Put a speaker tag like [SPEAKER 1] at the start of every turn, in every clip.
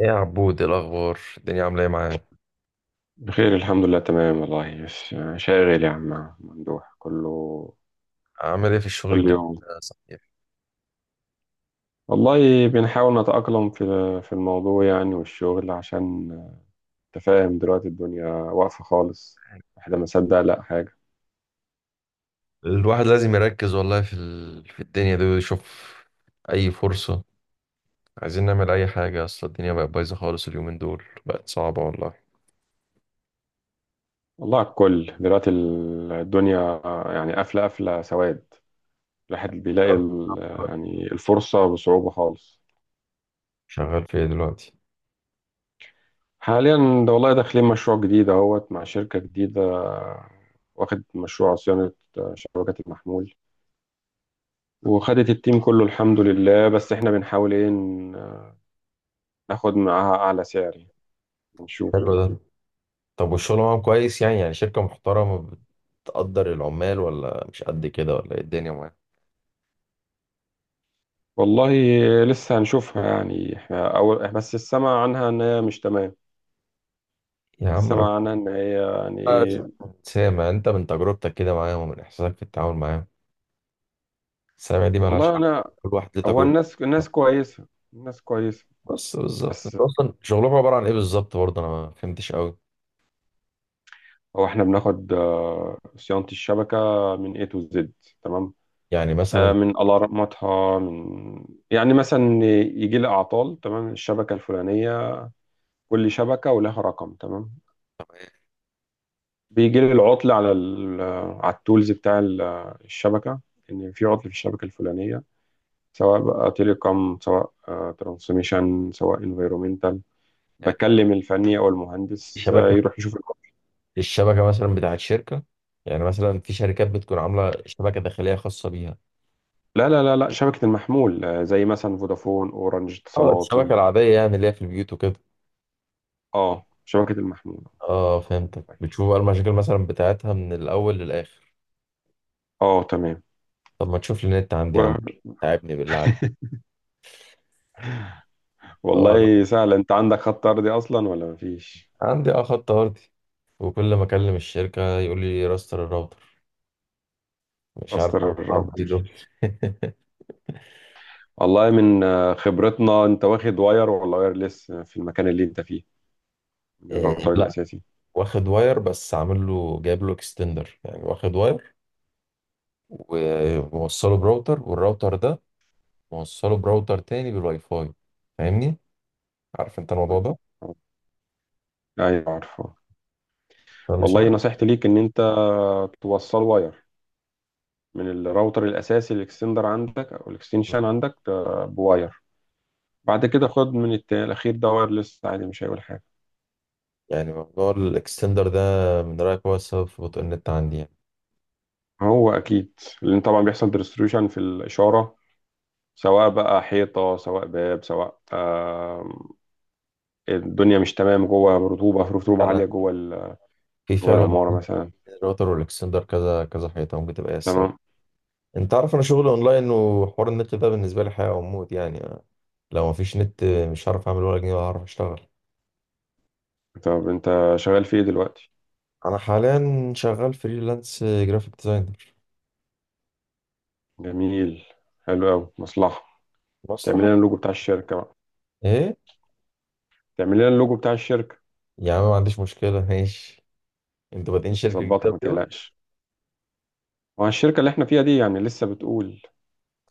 [SPEAKER 1] ايه يا عبود، إيه الاخبار؟ الدنيا عامله ايه معاك؟
[SPEAKER 2] بخير، الحمد لله، تمام والله. بس شاغل يا عم ممدوح كله،
[SPEAKER 1] عامل ايه في الشغل
[SPEAKER 2] كل
[SPEAKER 1] الجديد؟
[SPEAKER 2] يوم.
[SPEAKER 1] ده صحيح؟
[SPEAKER 2] والله بنحاول نتأقلم في الموضوع يعني، والشغل عشان تفاهم. دلوقتي الدنيا واقفة خالص، احنا ما صدق لا حاجة.
[SPEAKER 1] الواحد لازم يركز والله في الدنيا دي ويشوف اي فرصه. عايزين نعمل اي حاجه، اصل الدنيا بقت بايظه خالص، اليومين دول بقت صعبه والله.
[SPEAKER 2] والله على الكل دلوقتي، الدنيا يعني قافلة، قافلة سواد. الواحد بيلاقي يعني الفرصة بصعوبة خالص.
[SPEAKER 1] شغال في ايه دلوقتي؟
[SPEAKER 2] حاليا ده والله داخلين مشروع جديد اهوت مع شركة جديدة، واخد مشروع صيانة شبكات المحمول، وخدت التيم كله الحمد لله. بس احنا بنحاول ايه، ناخد معاها اعلى سعر يعني، نشوف
[SPEAKER 1] حلو
[SPEAKER 2] كده.
[SPEAKER 1] ده. طب والشغل معاهم كويس، يعني شركه محترمه؟ بتقدر العمال ولا مش قد كده، ولا ايه الدنيا معاك؟
[SPEAKER 2] والله لسه هنشوفها يعني، احنا اول بس السمع عنها ان هي مش تمام.
[SPEAKER 1] يا عم ربنا.
[SPEAKER 2] السمع عنها ان هي يعني ايه.
[SPEAKER 1] سامع انت من تجربتك كده معاهم ومن احساسك في التعامل معاهم، سامع دي مالهاش
[SPEAKER 2] والله
[SPEAKER 1] حل؟
[SPEAKER 2] انا،
[SPEAKER 1] كل واحد ليه
[SPEAKER 2] هو
[SPEAKER 1] تجربته.
[SPEAKER 2] الناس كويسة، الناس كويسة.
[SPEAKER 1] بس بالظبط،
[SPEAKER 2] بس
[SPEAKER 1] انت اصلا شغلكم عباره عن ايه بالظبط؟ برضه انا ما فهمتش قوي.
[SPEAKER 2] هو احنا بناخد صيانة الشبكة من A to Z، تمام.
[SPEAKER 1] يعني مثلا؟
[SPEAKER 2] من الارماتها، من يعني مثلا، يجي لي اعطال، تمام. الشبكة الفلانية كل شبكة ولها رقم، تمام. بيجي لي العطل على ال على التولز بتاع الشبكة، إن في عطل في الشبكة الفلانية، سواء بقى تيليكوم، سواء ترانسميشن، سواء انفيرومنتال.
[SPEAKER 1] يعني
[SPEAKER 2] بكلم الفني أو
[SPEAKER 1] في
[SPEAKER 2] المهندس،
[SPEAKER 1] شبكه،
[SPEAKER 2] يروح يشوف العطل.
[SPEAKER 1] الشبكه مثلا بتاعت شركه، يعني مثلا في شركات بتكون عامله شبكه داخليه خاصه بيها؟
[SPEAKER 2] لا لا لا لا، شبكة المحمول، زي مثلا فودافون، أورنج،
[SPEAKER 1] اه
[SPEAKER 2] اتصالات،
[SPEAKER 1] الشبكه
[SPEAKER 2] وي.
[SPEAKER 1] العاديه، يعني اللي هي في البيوت وكده؟
[SPEAKER 2] اه، شبكة المحمول.
[SPEAKER 1] اه، فهمتك. بتشوف بقى المشاكل مثلا بتاعتها من الاول للاخر؟
[SPEAKER 2] اه تمام.
[SPEAKER 1] طب ما تشوف لي النت عندي يا
[SPEAKER 2] و-
[SPEAKER 1] عم، تعبني بالله عليك. اه،
[SPEAKER 2] والله سهل. انت عندك خط أرضي أصلا ولا مفيش؟
[SPEAKER 1] عندي خط ارضي، وكل ما اكلم الشركه يقول لي راستر الراوتر، مش عارف
[SPEAKER 2] استر الرب.
[SPEAKER 1] اعمل ايه دول.
[SPEAKER 2] والله من خبرتنا، انت واخد واير ولا وايرلس في المكان اللي انت فيه،
[SPEAKER 1] إيه،
[SPEAKER 2] الراوتر
[SPEAKER 1] لا.
[SPEAKER 2] الأساسي؟
[SPEAKER 1] واخد واير بس عامل له جايب له اكستندر، يعني واخد واير وموصله براوتر، والراوتر ده موصله براوتر تاني بالواي فاي. فاهمني؟ عارف انت الموضوع ده.
[SPEAKER 2] أيوة عارفه.
[SPEAKER 1] فمش
[SPEAKER 2] والله
[SPEAKER 1] عارف.
[SPEAKER 2] نصيحتي ليك إن أنت توصل واير من الراوتر الأساسي. الإكستندر عندك أو الإكستنشن عندك، بواير. بعد كده خد من الأخير ده وايرلس عادي، مش هيقول حاجة.
[SPEAKER 1] يعني موضوع الاكستندر ده، من رأيك هو السبب في بطء النت عندي يعني؟
[SPEAKER 2] هو أكيد، لأن طبعا بيحصل ديستريبيوشن في الإشارة، سواء بقى حيطة، سواء باب، سواء، الدنيا مش تمام جوه، رطوبة، في رطوبة
[SPEAKER 1] انا،
[SPEAKER 2] عالية جوه
[SPEAKER 1] في
[SPEAKER 2] جوه
[SPEAKER 1] فعلا،
[SPEAKER 2] العمارة مثلا.
[SPEAKER 1] الراوتر والاكستندر كذا كذا حيطه، ممكن تبقى هي السبب.
[SPEAKER 2] تمام.
[SPEAKER 1] انت عارف انا شغلي اونلاين، وحوار النت ده بالنسبه لي حياه وموت يعني. لو مفيش نت مش هعرف اعمل ولا جنيه ولا هعرف اشتغل.
[SPEAKER 2] طب أنت شغال في إيه دلوقتي؟
[SPEAKER 1] انا حاليا شغال فريلانس جرافيك ديزاينر.
[SPEAKER 2] جميل، حلو أوي، مصلحة. تعمل
[SPEAKER 1] مصلحة.
[SPEAKER 2] لنا اللوجو بتاع الشركه بقى.
[SPEAKER 1] ايه؟
[SPEAKER 2] تعمل لنا اللوجو بتاع الشركه.
[SPEAKER 1] يا عم ما عنديش مشكلة، ماشي. انتوا بادئين شركة
[SPEAKER 2] هظبطك
[SPEAKER 1] جديدة
[SPEAKER 2] ما
[SPEAKER 1] كده؟
[SPEAKER 2] تقلقش. وعن الشركه اللي احنا فيها دي يعني، لسه بتقول.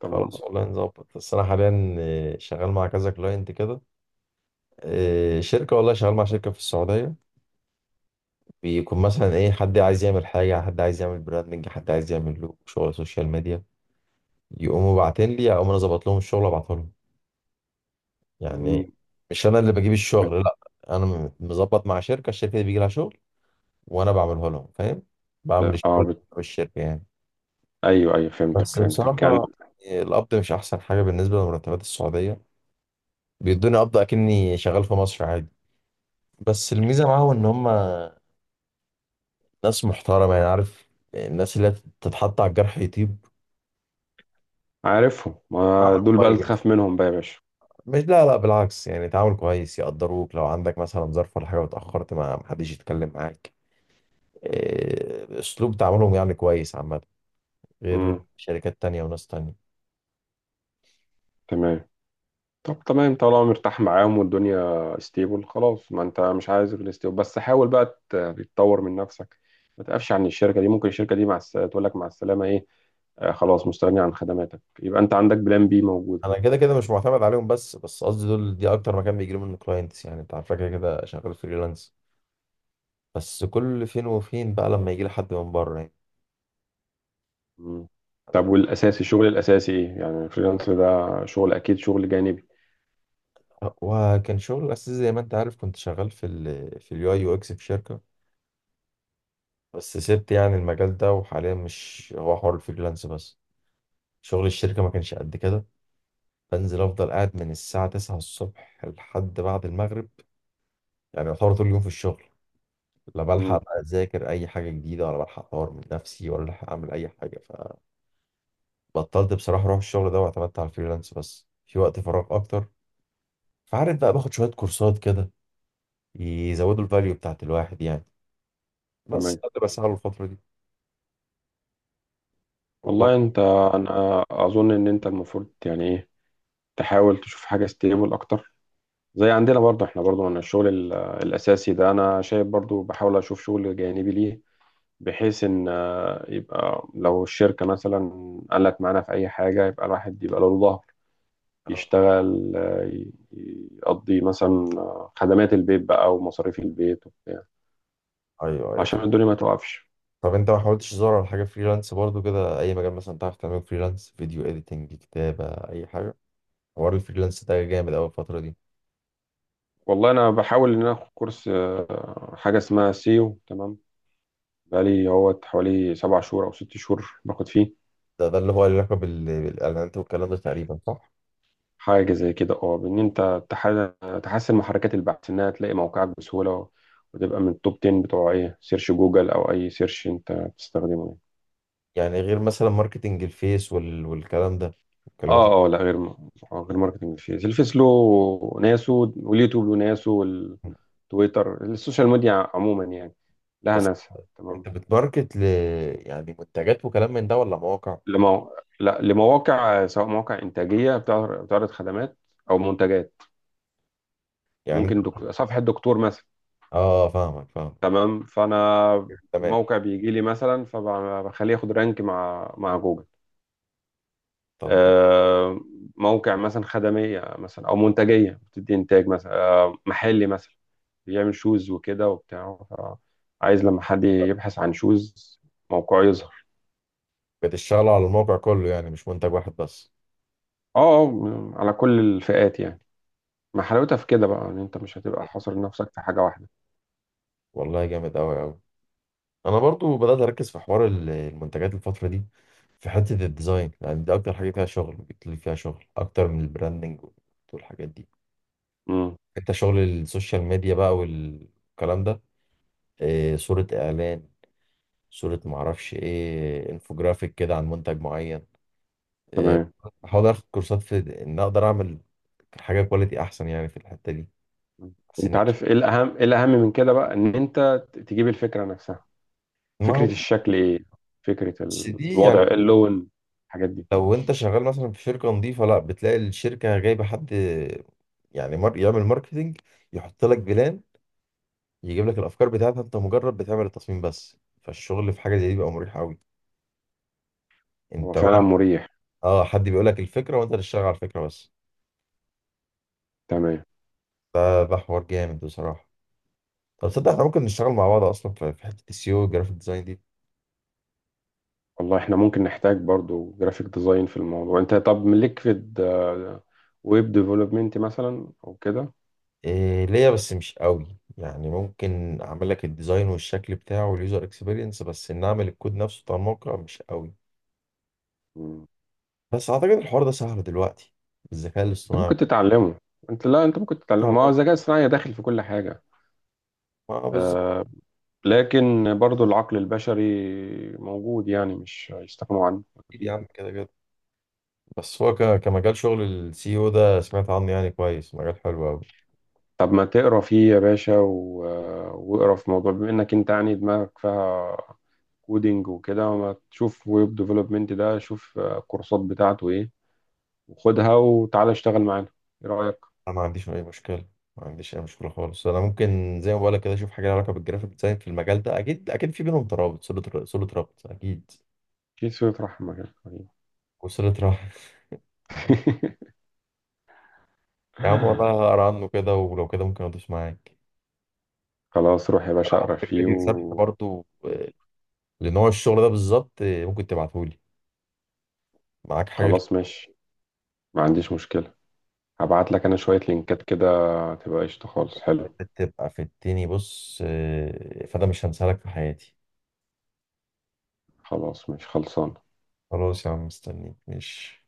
[SPEAKER 2] تمام.
[SPEAKER 1] خلاص والله نظبط. بس انا حاليا شغال مع كذا كلاينت كده، شركة والله شغال مع شركة في السعودية. بيكون مثلا ايه، حد عايز يعمل حاجة، حد عايز يعمل براندنج، حد عايز يعمل له شغل سوشيال ميديا، يقوموا باعتين لي اقوم انا ظبط لهم الشغل وابعته لهم. يعني
[SPEAKER 2] مم.
[SPEAKER 1] إيه؟ مش انا اللي بجيب
[SPEAKER 2] بت-
[SPEAKER 1] الشغل لا. انا مظبط مع شركة، الشركة دي بيجي لها شغل وانا بعمله لهم، فاهم؟ بعمل
[SPEAKER 2] اه،
[SPEAKER 1] الشغل بالشركة يعني.
[SPEAKER 2] ايوه ايوه، فهمتك،
[SPEAKER 1] بس
[SPEAKER 2] فهمتك
[SPEAKER 1] بصراحة،
[SPEAKER 2] يعني.
[SPEAKER 1] القبض مش أحسن حاجة بالنسبة لمرتبات السعودية. بيدوني قبض أكني شغال في مصر عادي. بس الميزة معاهم إن هما ناس محترمة، يعني عارف؟ الناس اللي تتحط على الجرح يطيب.
[SPEAKER 2] عارفهم، ما
[SPEAKER 1] تعامل
[SPEAKER 2] دول بقى اللي
[SPEAKER 1] كويس.
[SPEAKER 2] تخاف منهم بقى يا باشا.
[SPEAKER 1] مش، لا لا، بالعكس يعني تعامل كويس، يقدروك لو عندك مثلا ظرف ولا حاجة واتأخرت ما محدش يتكلم معاك. إيه، أسلوب تعاملهم يعني كويس عامة، غير
[SPEAKER 2] امم
[SPEAKER 1] شركات تانية وناس تانية.
[SPEAKER 2] تمام. طب تمام، طالما مرتاح معاهم والدنيا ستيبل خلاص. ما انت مش عايز غير ستيبل، بس حاول بقى تتطور من نفسك، ما تقفش عن الشركه دي. ممكن الشركه دي مع تقول لك مع السلامه ايه، آه خلاص مستغني عن خدماتك. يبقى انت عندك بلان بي موجود.
[SPEAKER 1] أنا كده كده مش معتمد عليهم، بس قصدي دول دي أكتر مكان بيجيلي منه كلاينتس، يعني أنت عارفة كده كده شغال فريلانس. بس كل فين وفين بقى لما يجي لي حد من بره يعني.
[SPEAKER 2] مم. طب
[SPEAKER 1] أنا-
[SPEAKER 2] والاساسي، الشغل الاساسي ايه يعني؟ الفريلانس ده شغل، اكيد شغل جانبي.
[SPEAKER 1] وكان شغل الأساس زي ما أنت عارف كنت شغال في اليو أي يو إكس في شركة. بس سبت يعني المجال ده، وحاليا مش هو حوار الفريلانس بس، شغل الشركة ما كانش قد كده. بنزل أفضل قاعد من الساعة 9 الصبح لحد بعد المغرب، يعني يعتبر طول اليوم في الشغل. لا
[SPEAKER 2] مم.
[SPEAKER 1] بلحق بقى أذاكر أي حاجة جديدة، ولا بلحق أطور من نفسي، ولا بلحق أعمل أي حاجة. فبطلت بصراحة أروح الشغل ده، واعتمدت على الفريلانس بس في وقت فراغ أكتر. فعارف بقى باخد شوية كورسات كده، يزودوا الفاليو بتاعت الواحد يعني. بس
[SPEAKER 2] تمام.
[SPEAKER 1] ده اللي بسعى له الفترة دي. وبرضه
[SPEAKER 2] والله انت، انا اظن ان انت المفروض يعني ايه، تحاول تشوف حاجه ستيبل اكتر. زي عندنا برضه، احنا برضه من الشغل الاساسي ده، انا شايف برضه بحاول اشوف شغل جانبي ليه، بحيث ان يبقى لو الشركه مثلا قالت معانا في اي حاجه، يبقى الواحد يبقى له ظهر
[SPEAKER 1] آه،
[SPEAKER 2] يشتغل، يقضي مثلا خدمات البيت بقى ومصاريف البيت
[SPEAKER 1] ايوه، ايوه.
[SPEAKER 2] عشان الدنيا ما توقفش.
[SPEAKER 1] طب انت ما حاولتش تدور على حاجة فريلانس برضه كده؟ اي مجال مثلا تعرف تعمله فريلانس، فيديو اديتنج، كتابة، اي حاجة. حوار الفريلانس ده جامد قوي الفترة دي.
[SPEAKER 2] والله انا بحاول ان انا اخد كورس، حاجه اسمها سيو، تمام. بقالي هو حوالي 7 شهور او 6 شهور باخد فيه،
[SPEAKER 1] ده اللي هو له علاقة بالاعلانات والكلام ده تقريبا، صح؟
[SPEAKER 2] حاجه زي كده. اه، بان انت تحسن محركات البحث انها تلاقي موقعك بسهوله، وتبقى من التوب 10 بتوع ايه سيرش جوجل او اي سيرش انت بتستخدمه يعني.
[SPEAKER 1] يعني غير مثلا ماركتنج الفيس وال... والكلام ده، والكلمات
[SPEAKER 2] اه اه، لا، غير غير ماركتنج. فيه الفيس له ناسه، واليوتيوب له ناسه،
[SPEAKER 1] ال-
[SPEAKER 2] والتويتر، السوشيال ميديا عموما يعني لها
[SPEAKER 1] بس
[SPEAKER 2] ناسها، تمام.
[SPEAKER 1] انت بتماركت يعني منتجات وكلام من ده ولا مواقع؟
[SPEAKER 2] لا، لمواقع، سواء مواقع إنتاجية بتعرض خدمات أو منتجات.
[SPEAKER 1] يعني انت،
[SPEAKER 2] ممكن صفحة دكتور مثلا.
[SPEAKER 1] اه، فاهمك فاهمك.
[SPEAKER 2] تمام. فأنا
[SPEAKER 1] تمام.
[SPEAKER 2] الموقع بيجي لي مثلا، فبخليه ياخد رانك مع جوجل.
[SPEAKER 1] طب
[SPEAKER 2] آه، موقع مثلا خدمية مثلا أو منتجية بتدي إنتاج مثلا، محلي مثلا، بيعمل شوز وكده وبتاع. عايز لما حد يبحث عن شوز موقعه يظهر.
[SPEAKER 1] بتشتغلوا على الموقع كله، يعني مش منتج واحد بس؟
[SPEAKER 2] اه، على كل الفئات يعني. ما حلاوتها في كده بقى، ان انت مش هتبقى حاصر نفسك في حاجة واحدة.
[SPEAKER 1] والله جامد قوي قوي. انا برضو بدات اركز في حوار المنتجات الفتره دي. في حته الديزاين يعني، دي اكتر حاجه فيها شغل، بتلاقي فيها شغل اكتر من البراندنج والحاجات دي.
[SPEAKER 2] مم.
[SPEAKER 1] انت شغل السوشيال ميديا بقى والكلام ده، إيه، صوره اعلان، صوره معرفش ايه، انفوجرافيك كده عن منتج معين، إيه.
[SPEAKER 2] تمام.
[SPEAKER 1] احاول اخد كورسات في ان اقدر اعمل حاجه كواليتي احسن يعني في الحته دي،
[SPEAKER 2] مم.
[SPEAKER 1] احسن
[SPEAKER 2] انت
[SPEAKER 1] يعني.
[SPEAKER 2] عارف ايه الاهم، ايه الاهم من كده بقى، ان انت تجيب الفكره نفسها،
[SPEAKER 1] ما
[SPEAKER 2] فكره
[SPEAKER 1] هو
[SPEAKER 2] الشكل ايه، فكره
[SPEAKER 1] بس دي يعني،
[SPEAKER 2] الوضع، اللون، الحاجات دي.
[SPEAKER 1] لو انت شغال مثلا في شركه نظيفه، لا بتلاقي الشركه جايبه حد يعني يعمل ماركتينج، يحط لك بلان، يجيب لك الافكار بتاعتها، انت مجرد بتعمل التصميم بس، فالشغل في حاجه زي دي بيبقى مريح قوي.
[SPEAKER 2] هو
[SPEAKER 1] انت
[SPEAKER 2] فعلا
[SPEAKER 1] مع،
[SPEAKER 2] مريح.
[SPEAKER 1] اه، حد بيقول لك الفكره وانت تشتغل على الفكره بس.
[SPEAKER 2] تمام.
[SPEAKER 1] ده حوار جامد بصراحه. طب تصدق احنا ممكن نشتغل مع بعض اصلا في حته السيو والجرافيك ديزاين دي؟
[SPEAKER 2] والله احنا ممكن نحتاج برضو جرافيك ديزاين في الموضوع. انت طب ليك في ويب ديفلوبمنت مثلا او كده؟
[SPEAKER 1] إيه ليا، بس مش قوي يعني، ممكن اعمل لك الديزاين والشكل بتاعه واليوزر اكسبيرينس، بس ان اعمل الكود نفسه بتاع الموقع مش قوي.
[SPEAKER 2] مم.
[SPEAKER 1] بس اعتقد الحوار ده سهل دلوقتي بالذكاء
[SPEAKER 2] انت
[SPEAKER 1] الاصطناعي.
[SPEAKER 2] ممكن تتعلمه. انت لا انت ممكن تتعلمه. ما هو
[SPEAKER 1] تعرف-
[SPEAKER 2] الذكاء الصناعي داخل في كل حاجه،
[SPEAKER 1] اه، بالظبط.
[SPEAKER 2] آه لكن برضو العقل البشري موجود، يعني مش هيستغنوا عنه.
[SPEAKER 1] اكيد يا
[SPEAKER 2] أكيد.
[SPEAKER 1] عم كده كده. بس هو ك... كمجال، شغل السي او ده سمعت عنه يعني كويس، مجال حلو قوي.
[SPEAKER 2] طب ما تقرا فيه يا باشا واقرا في موضوع، بما انك انت يعني دماغك فيها كودينج وكده، ما تشوف ويب ديفلوبمنت ده، شوف الكورسات بتاعته ايه وخدها وتعالى اشتغل معانا. ايه رايك؟
[SPEAKER 1] انا ما عنديش اي مشكله. ما عنديش اي مشكله خالص، انا ممكن زي ما بقولك كده اشوف حاجه لها علاقه بالجرافيك ديزاين في المجال ده، اكيد اكيد في بينهم ترابط، صله ربط اكيد.
[SPEAKER 2] كيس رحمه يا حبيبي.
[SPEAKER 1] وصله رحم. يا عم والله هقرا عنه كده، ولو كده ممكن ادوس معاك.
[SPEAKER 2] خلاص روح يا باشا
[SPEAKER 1] انا
[SPEAKER 2] اقرا
[SPEAKER 1] عندك
[SPEAKER 2] فيه
[SPEAKER 1] فيديو سبح برضه، لنوع الشغل ده بالظبط، ممكن تبعتهولي معاك حاجه؟
[SPEAKER 2] خلاص ماشي، ما عنديش مشكله. هبعت لك انا شويه لينكات كده، تبقى قشطه خالص، حلو.
[SPEAKER 1] بتبقى في التاني بص، فده مش هنسالك في حياتي.
[SPEAKER 2] خلاص ماشي خلصان.
[SPEAKER 1] خلاص يا عم مستنيك، ماشي.